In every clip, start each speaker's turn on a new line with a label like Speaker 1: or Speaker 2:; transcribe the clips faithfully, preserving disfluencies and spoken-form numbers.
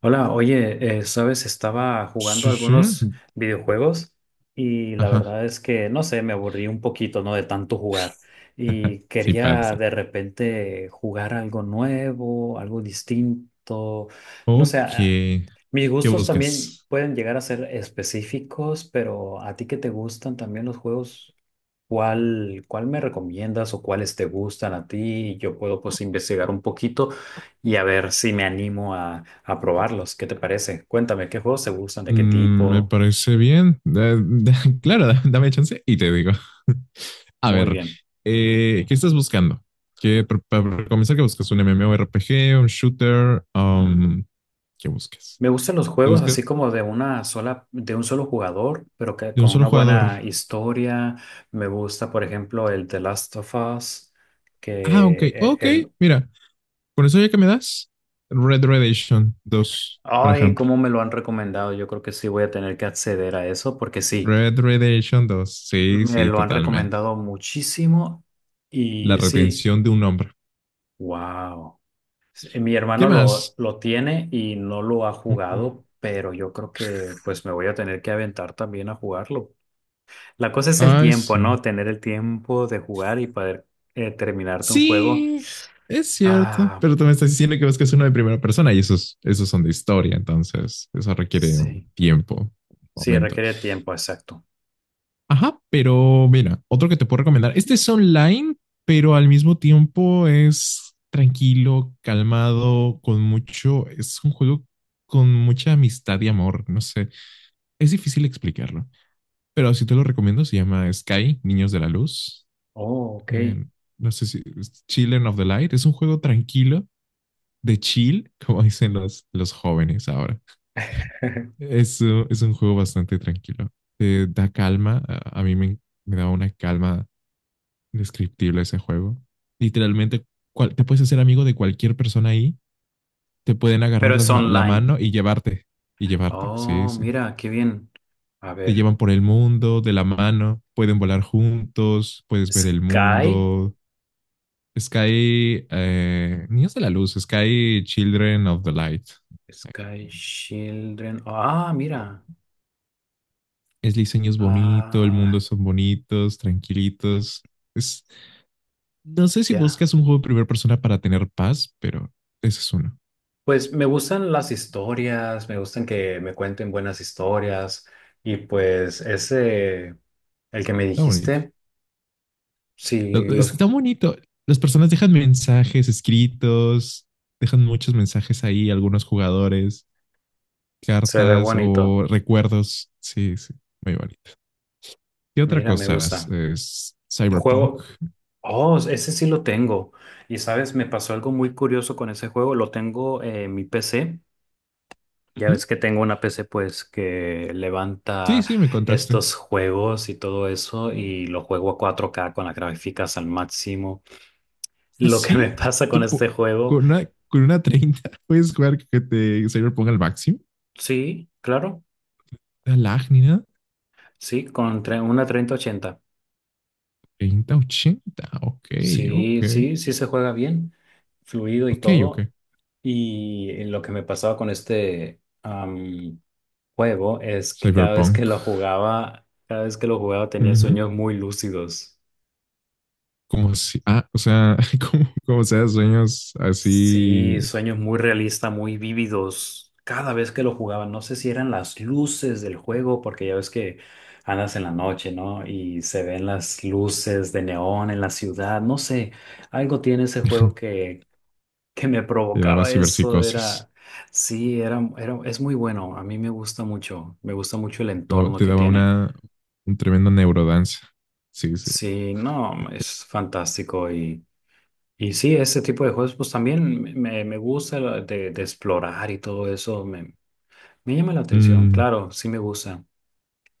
Speaker 1: Hola, oye, eh, sabes, estaba jugando
Speaker 2: Sí, sí.
Speaker 1: algunos videojuegos y la
Speaker 2: Ajá.
Speaker 1: verdad es que, no sé, me aburrí un poquito, ¿no? De tanto jugar y
Speaker 2: Sí
Speaker 1: quería
Speaker 2: pasa.
Speaker 1: de repente jugar algo nuevo, algo distinto, no sé, a-
Speaker 2: Ok.
Speaker 1: mis
Speaker 2: ¿Qué
Speaker 1: gustos también
Speaker 2: buscas?
Speaker 1: pueden llegar a ser específicos, pero a ti que te gustan también los juegos. ¿Cuál, cuál me recomiendas o cuáles te gustan a ti? Yo puedo pues investigar un poquito y a ver si me animo a, a probarlos. ¿Qué te parece? Cuéntame, ¿qué juegos te gustan? ¿De qué
Speaker 2: Mm, me
Speaker 1: tipo?
Speaker 2: parece bien. Da- da- claro, da- dame chance y te digo. A
Speaker 1: Muy
Speaker 2: ver,
Speaker 1: bien.
Speaker 2: eh, ¿qué estás buscando? ¿Qué, pa- pa- ¿para comenzar, qué buscas? ¿Un MMORPG, un shooter? Um, ¿qué buscas?
Speaker 1: Me gustan los
Speaker 2: ¿Te
Speaker 1: juegos
Speaker 2: buscas
Speaker 1: así como de una sola, de un solo jugador, pero que
Speaker 2: de un
Speaker 1: con una
Speaker 2: solo jugador?
Speaker 1: buena historia. Me gusta, por ejemplo, el The Last of Us.
Speaker 2: Ah, ok,
Speaker 1: que eh,
Speaker 2: ok.
Speaker 1: el...
Speaker 2: Mira, con eso ya que me das, Red Redemption dos, por
Speaker 1: Ay,
Speaker 2: ejemplo.
Speaker 1: cómo me lo han recomendado. Yo creo que sí voy a tener que acceder a eso porque sí.
Speaker 2: Red Redemption dos, sí,
Speaker 1: Me
Speaker 2: sí,
Speaker 1: lo han
Speaker 2: totalmente.
Speaker 1: recomendado muchísimo
Speaker 2: La
Speaker 1: y sí,
Speaker 2: retención de un hombre.
Speaker 1: wow. Mi
Speaker 2: ¿Qué
Speaker 1: hermano lo,
Speaker 2: más?
Speaker 1: lo tiene y no lo ha
Speaker 2: Mm.
Speaker 1: jugado, pero yo creo que pues me voy a tener que aventar también a jugarlo. La cosa es el
Speaker 2: Ay,
Speaker 1: tiempo,
Speaker 2: sí.
Speaker 1: ¿no? Tener el tiempo de jugar y poder eh, terminarte un juego.
Speaker 2: Sí, es cierto,
Speaker 1: Ah,
Speaker 2: pero tú me estás diciendo que buscas uno de primera persona y esos, esos son de historia, entonces eso requiere un
Speaker 1: sí,
Speaker 2: tiempo, un
Speaker 1: sí,
Speaker 2: momento.
Speaker 1: requiere tiempo, exacto.
Speaker 2: Ajá, pero mira, otro que te puedo recomendar. Este es online, pero al mismo tiempo es tranquilo, calmado, con mucho. Es un juego con mucha amistad y amor, no sé. Es difícil explicarlo, pero si te lo recomiendo, se llama Sky, Niños de la Luz.
Speaker 1: Oh, ok.
Speaker 2: eh, no sé si Children of the Light, es un juego tranquilo, de chill, como dicen los, los jóvenes ahora. Es, uh, es un juego bastante tranquilo, te da calma, a, a mí me, me da una calma indescriptible ese juego. Literalmente, cual- te puedes hacer amigo de cualquier persona ahí, te pueden agarrar
Speaker 1: Pero es
Speaker 2: las la
Speaker 1: online.
Speaker 2: mano y llevarte, y llevarte, sí,
Speaker 1: Oh,
Speaker 2: sí.
Speaker 1: mira, qué bien. A
Speaker 2: Te
Speaker 1: ver,
Speaker 2: llevan por el mundo de la mano, pueden volar juntos, puedes ver el
Speaker 1: Sky.
Speaker 2: mundo, Sky, eh, Niños de la Luz, Sky Children of the Light.
Speaker 1: Sky Children. Ah, mira.
Speaker 2: Es diseño es bonito, el mundo
Speaker 1: Ah,
Speaker 2: son bonitos, tranquilitos. Es, no sé si
Speaker 1: ya.
Speaker 2: buscas un juego de primera persona para tener paz, pero ese es uno.
Speaker 1: Pues me gustan las historias, me gustan que me cuenten buenas historias. Y pues ese, el que me
Speaker 2: Está bonito.
Speaker 1: dijiste, sí,
Speaker 2: Lo-
Speaker 1: los,
Speaker 2: Está bonito. Las personas dejan mensajes escritos, dejan muchos mensajes ahí, algunos jugadores,
Speaker 1: se ve
Speaker 2: cartas
Speaker 1: bonito.
Speaker 2: o recuerdos. Sí, sí, muy bonito. ¿Qué otra
Speaker 1: Mira, me
Speaker 2: cosa es,
Speaker 1: gusta.
Speaker 2: es
Speaker 1: El
Speaker 2: Cyberpunk?
Speaker 1: juego, oh, ese sí lo tengo. Y sabes, me pasó algo muy curioso con ese juego. Lo tengo en mi P C. Ya
Speaker 2: Ujú.
Speaker 1: ves que tengo una P C pues que
Speaker 2: Sí,
Speaker 1: levanta
Speaker 2: sí, me contaste.
Speaker 1: estos juegos y todo eso y lo juego a cuatro k con las gráficas al máximo.
Speaker 2: ¿Ah,
Speaker 1: Lo que me
Speaker 2: sí?
Speaker 1: pasa con
Speaker 2: ¿Tú
Speaker 1: este
Speaker 2: po-
Speaker 1: juego,
Speaker 2: con una, con una treinta puedes jugar que te Cyber ponga el máximo?
Speaker 1: sí, claro,
Speaker 2: La lag ni nada.
Speaker 1: sí, con tre- una treinta ochenta.
Speaker 2: treinta, ochenta. Ok,
Speaker 1: Sí,
Speaker 2: ok.
Speaker 1: sí, sí se juega bien, fluido y
Speaker 2: Ok,
Speaker 1: todo.
Speaker 2: ok.
Speaker 1: Y eh, lo que me pasaba con este am, juego es que cada vez que
Speaker 2: Cyberpunk.
Speaker 1: lo jugaba, cada vez que lo jugaba tenía
Speaker 2: Ujú.
Speaker 1: sueños muy lúcidos.
Speaker 2: Como si, ah, o sea, como, como sea, sueños
Speaker 1: Sí,
Speaker 2: así.
Speaker 1: sueños muy realistas, muy vívidos. Cada vez que lo jugaban, no sé si eran las luces del juego, porque ya ves que andas en la noche, ¿no? Y se ven las luces de neón en la ciudad. No sé, algo tiene ese juego que, que me
Speaker 2: Te daba
Speaker 1: provocaba eso.
Speaker 2: ciberpsicosis.
Speaker 1: Era, sí, era, era, es muy bueno. A mí me gusta mucho. Me gusta mucho el
Speaker 2: Te daba,
Speaker 1: entorno
Speaker 2: te
Speaker 1: que
Speaker 2: daba
Speaker 1: tiene.
Speaker 2: una, un tremendo neurodanza. Sí, sí.
Speaker 1: Sí, no, es fantástico. Y sí, este tipo de juegos pues también me, me- me gusta lo de, de explorar y todo eso, me, me llama la atención,
Speaker 2: Mm,
Speaker 1: claro, sí me gusta.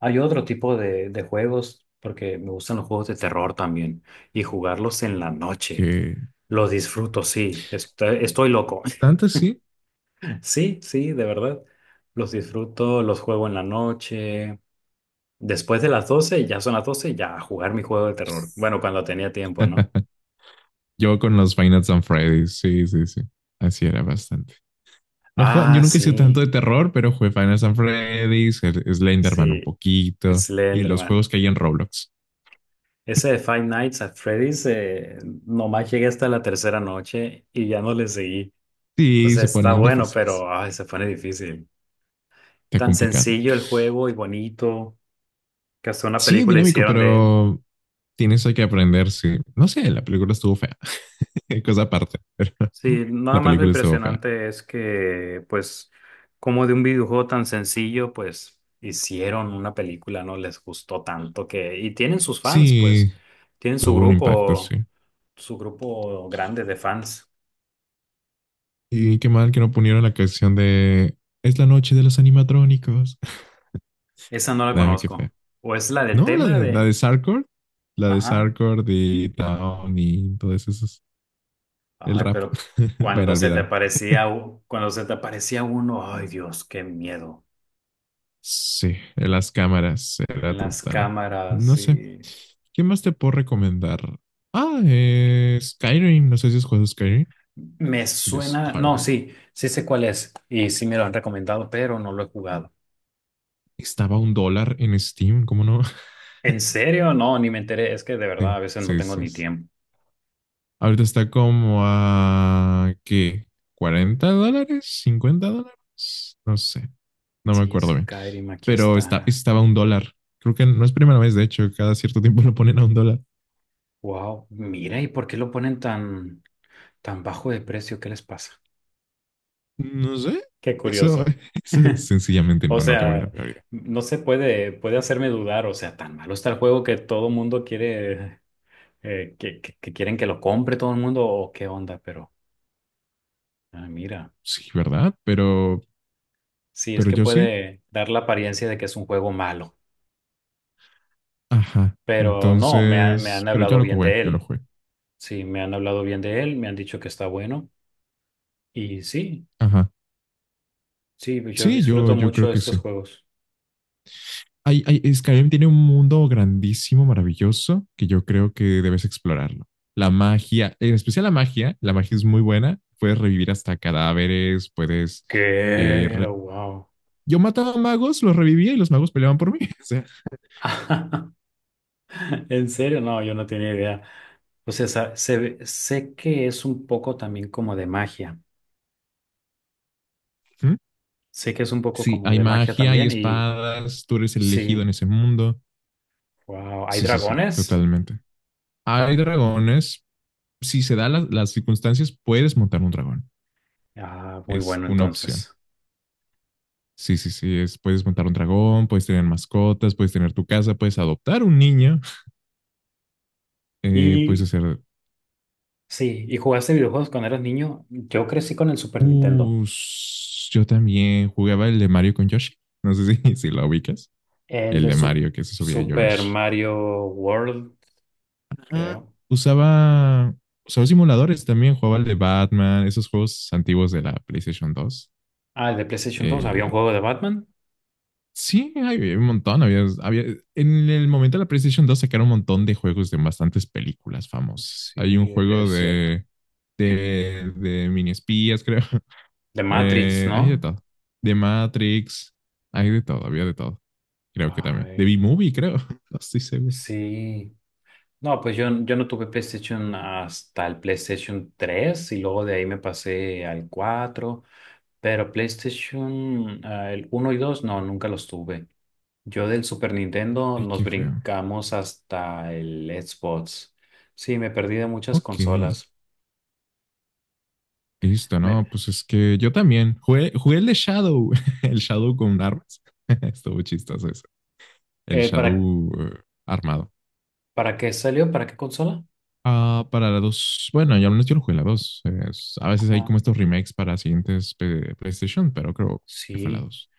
Speaker 1: Hay otro tipo de, de juegos, porque me gustan los juegos de terror también, y jugarlos en la noche,
Speaker 2: que
Speaker 1: los disfruto, sí, estoy, estoy loco.
Speaker 2: tanto sí.
Speaker 1: Sí, sí, de verdad, los disfruto, los juego en la noche, después de las doce ya son las doce ya a jugar mi juego de terror, bueno, cuando tenía tiempo, ¿no?
Speaker 2: Yo con los Five Nights at Freddy's. Sí, sí, sí. Así era bastante. No jugaba- yo
Speaker 1: Ah,
Speaker 2: nunca he sido
Speaker 1: sí,
Speaker 2: tanto de terror, pero jugué Final Fantasy Freddy's, el- Slenderman un
Speaker 1: sí,
Speaker 2: poquito y los
Speaker 1: Slenderman.
Speaker 2: juegos que hay en Roblox.
Speaker 1: Ese de Five Nights at Freddy's, eh, nomás llegué hasta la tercera noche y ya no le seguí. O
Speaker 2: Sí,
Speaker 1: sea,
Speaker 2: se
Speaker 1: está
Speaker 2: ponen
Speaker 1: bueno,
Speaker 2: difíciles.
Speaker 1: pero ay, se pone difícil.
Speaker 2: Está
Speaker 1: Tan
Speaker 2: complicado.
Speaker 1: sencillo el juego y bonito, que hasta una
Speaker 2: Sí,
Speaker 1: película
Speaker 2: dinámico,
Speaker 1: hicieron de él.
Speaker 2: pero tienes que aprender. Sí. No sé, la película estuvo fea. Cosa aparte, pero
Speaker 1: Sí, nada
Speaker 2: la
Speaker 1: más lo
Speaker 2: película estuvo fea.
Speaker 1: impresionante es que, pues, como de un videojuego tan sencillo, pues, hicieron una película, ¿no? Les gustó tanto que... Y tienen sus fans, pues,
Speaker 2: Sí,
Speaker 1: tienen su
Speaker 2: tuvo un impacto, sí.
Speaker 1: grupo, su grupo grande de fans.
Speaker 2: Y qué mal que no pusieron la canción de Es la noche de los animatrónicos.
Speaker 1: Esa no la
Speaker 2: Nada, qué fea.
Speaker 1: conozco. ¿O es la del
Speaker 2: No, la
Speaker 1: tema
Speaker 2: de, la
Speaker 1: de,
Speaker 2: de Sarcord, la de
Speaker 1: Ajá.
Speaker 2: Sarcord y Town y todas esas. El
Speaker 1: Ay,
Speaker 2: rap.
Speaker 1: pero
Speaker 2: Bueno,
Speaker 1: cuando se te
Speaker 2: olvídalo.
Speaker 1: aparecía, u- cuando se te aparecía uno, ay Dios, qué miedo.
Speaker 2: Sí, en las cámaras era
Speaker 1: En las
Speaker 2: total.
Speaker 1: cámaras
Speaker 2: No sé.
Speaker 1: y
Speaker 2: ¿Qué más te puedo recomendar? Ah, eh, Skyrim. No sé si has jugado Skyrim.
Speaker 1: me
Speaker 2: El
Speaker 1: suena, no,
Speaker 2: Skyrim.
Speaker 1: sí, sí sé cuál es y sí me lo han recomendado, pero no lo he jugado.
Speaker 2: Estaba a un dólar en Steam, ¿cómo no?
Speaker 1: ¿En serio? No, ni me enteré. Es que de verdad
Speaker 2: Sí,
Speaker 1: a veces no
Speaker 2: sí,
Speaker 1: tengo
Speaker 2: sí.
Speaker 1: ni
Speaker 2: Sí.
Speaker 1: tiempo.
Speaker 2: Ahorita está como a... ¿Qué? ¿Cuarenta dólares? ¿Cincuenta dólares? No sé. No me
Speaker 1: Sí,
Speaker 2: acuerdo bien.
Speaker 1: Skyrim, aquí
Speaker 2: Pero
Speaker 1: está.
Speaker 2: está, estaba a un dólar. Creo que no es primera vez, de hecho. Cada cierto tiempo lo ponen a un dólar.
Speaker 1: Wow, mira, ¿y por qué lo ponen tan, tan bajo de precio? ¿Qué les pasa?
Speaker 2: No sé,
Speaker 1: Qué
Speaker 2: eso,
Speaker 1: curioso.
Speaker 2: eso sencillamente
Speaker 1: O
Speaker 2: no, no tengo ni la
Speaker 1: sea,
Speaker 2: menor idea.
Speaker 1: no se puede, puede hacerme dudar. O sea, tan malo está el juego que todo el mundo quiere, eh, que, que, que quieren que lo compre todo el mundo o qué onda, pero ah, mira,
Speaker 2: Sí, ¿verdad? Pero,
Speaker 1: sí, es
Speaker 2: pero
Speaker 1: que
Speaker 2: yo sí.
Speaker 1: puede dar la apariencia de que es un juego malo,
Speaker 2: Ajá.
Speaker 1: pero no, me, ha- me han
Speaker 2: Entonces, pero yo
Speaker 1: hablado
Speaker 2: lo
Speaker 1: bien
Speaker 2: jugué,
Speaker 1: de
Speaker 2: yo lo
Speaker 1: él.
Speaker 2: jugué.
Speaker 1: Sí, me han hablado bien de él, me han dicho que está bueno y sí,
Speaker 2: Ajá.
Speaker 1: sí, yo
Speaker 2: Sí, yo,
Speaker 1: disfruto
Speaker 2: yo creo
Speaker 1: mucho
Speaker 2: que
Speaker 1: estos
Speaker 2: sí.
Speaker 1: juegos.
Speaker 2: Hay, hay, Skyrim tiene un mundo grandísimo, maravilloso, que yo creo que debes explorarlo. La magia, en especial la magia, la magia es muy buena. Puedes revivir hasta cadáveres, puedes... eh,
Speaker 1: ¿Qué?
Speaker 2: re-
Speaker 1: Wow.
Speaker 2: Yo mataba magos, los revivía y los magos peleaban por mí. O
Speaker 1: ¿En serio? No, yo no tenía idea. O sea, sa- se ve- sé que es un poco también como de magia.
Speaker 2: sea,
Speaker 1: Sé que es un poco
Speaker 2: sí,
Speaker 1: como
Speaker 2: hay
Speaker 1: de magia
Speaker 2: magia, hay
Speaker 1: también y
Speaker 2: espadas, tú eres el elegido en
Speaker 1: sí,
Speaker 2: ese mundo.
Speaker 1: wow, ¿hay
Speaker 2: Sí, sí, sí,
Speaker 1: dragones?
Speaker 2: totalmente. Hay dragones, si se dan la- las circunstancias, puedes montar un dragón.
Speaker 1: Ah, muy
Speaker 2: Es
Speaker 1: bueno
Speaker 2: una opción.
Speaker 1: entonces.
Speaker 2: Sí, sí, sí, es, puedes montar un dragón, puedes tener mascotas, puedes tener tu casa, puedes adoptar un niño, eh, puedes
Speaker 1: Y
Speaker 2: hacer...
Speaker 1: sí, ¿y jugaste videojuegos cuando eras niño? Yo crecí con el Super Nintendo,
Speaker 2: Uh, s- yo también jugaba el de Mario con Yoshi. No sé si, si lo ubicas.
Speaker 1: el
Speaker 2: El
Speaker 1: de
Speaker 2: de
Speaker 1: Su-
Speaker 2: Mario que se subía a
Speaker 1: Super
Speaker 2: Yoshi.
Speaker 1: Mario World,
Speaker 2: Ah.
Speaker 1: creo.
Speaker 2: Usaba, usaba simuladores también, jugaba el de Batman, esos juegos antiguos de la PlayStation dos.
Speaker 1: Ah, el de PlayStation dos. Había
Speaker 2: Eh,
Speaker 1: un juego de Batman.
Speaker 2: sí, había un montón, había, había- en el momento de la PlayStation dos sacaron un montón de juegos de bastantes películas famosas. Hay un
Speaker 1: Sí,
Speaker 2: juego
Speaker 1: es cierto.
Speaker 2: de, de, de mini espías, creo.
Speaker 1: De Matrix,
Speaker 2: Eh, hay de
Speaker 1: ¿no?
Speaker 2: todo. De Matrix, hay de todo, había de todo. Creo que también. De
Speaker 1: Ay,
Speaker 2: B-Movie, creo. No estoy seguro.
Speaker 1: sí. No, pues yo, yo no tuve PlayStation hasta el PlayStation tres y luego de ahí me pasé al cuatro, pero PlayStation ah, el uno y dos no, nunca los tuve. Yo del Super Nintendo
Speaker 2: Ay,
Speaker 1: nos
Speaker 2: qué feo.
Speaker 1: brincamos hasta el Xbox. Sí, me perdí de muchas
Speaker 2: Ok.
Speaker 1: consolas.
Speaker 2: Listo,
Speaker 1: Me-
Speaker 2: no, pues es que yo también jugué, jugué, el de Shadow, el Shadow con armas. Estuvo chistoso eso. El
Speaker 1: eh, ¿para,
Speaker 2: Shadow eh, armado.
Speaker 1: para qué salió? ¿Para qué consola?
Speaker 2: Ah, para la dos bueno, ya al menos yo lo jugué en la dos. Es- a veces hay
Speaker 1: Ajá.
Speaker 2: como estos remakes para siguientes P- PlayStation, pero creo que fue la
Speaker 1: Sí,
Speaker 2: dos.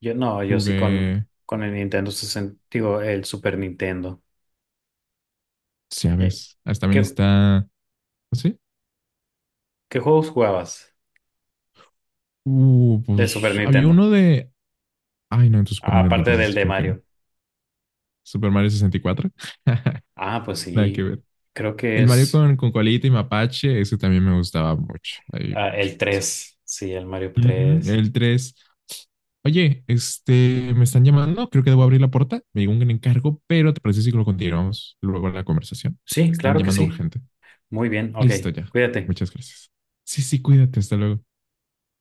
Speaker 1: yo no, yo sí con,
Speaker 2: Jugué,
Speaker 1: con el Nintendo sesenta, digo, el Super Nintendo. Eh,
Speaker 2: sabes, ah, también
Speaker 1: ¿Qué,
Speaker 2: está, ¿ah, ¿sí?
Speaker 1: qué juegos jugabas?
Speaker 2: Uh,
Speaker 1: Del Super
Speaker 2: pues había
Speaker 1: Nintendo.
Speaker 2: uno de, ay no, en tu Super Nintendo,
Speaker 1: Aparte del
Speaker 2: entonces
Speaker 1: de
Speaker 2: creo que
Speaker 1: Mario.
Speaker 2: no. Super Mario sesenta y cuatro.
Speaker 1: Ah, pues
Speaker 2: Nada
Speaker 1: sí.
Speaker 2: que ver.
Speaker 1: Creo que
Speaker 2: El Mario
Speaker 1: es
Speaker 2: con, con, Colita y Mapache, ese también me gustaba mucho. Ahí.
Speaker 1: ah, el tres, sí, el Mario
Speaker 2: Ujú.
Speaker 1: tres.
Speaker 2: El tres. Oye, este, me están llamando, creo que debo abrir la puerta. Me llegó un encargo, pero ¿te parece si lo continuamos luego en la conversación? Porque
Speaker 1: Sí,
Speaker 2: me están
Speaker 1: claro que
Speaker 2: llamando
Speaker 1: sí.
Speaker 2: urgente.
Speaker 1: Muy bien. Ok.
Speaker 2: Listo ya.
Speaker 1: Cuídate.
Speaker 2: Muchas gracias. Sí, sí, cuídate, hasta luego.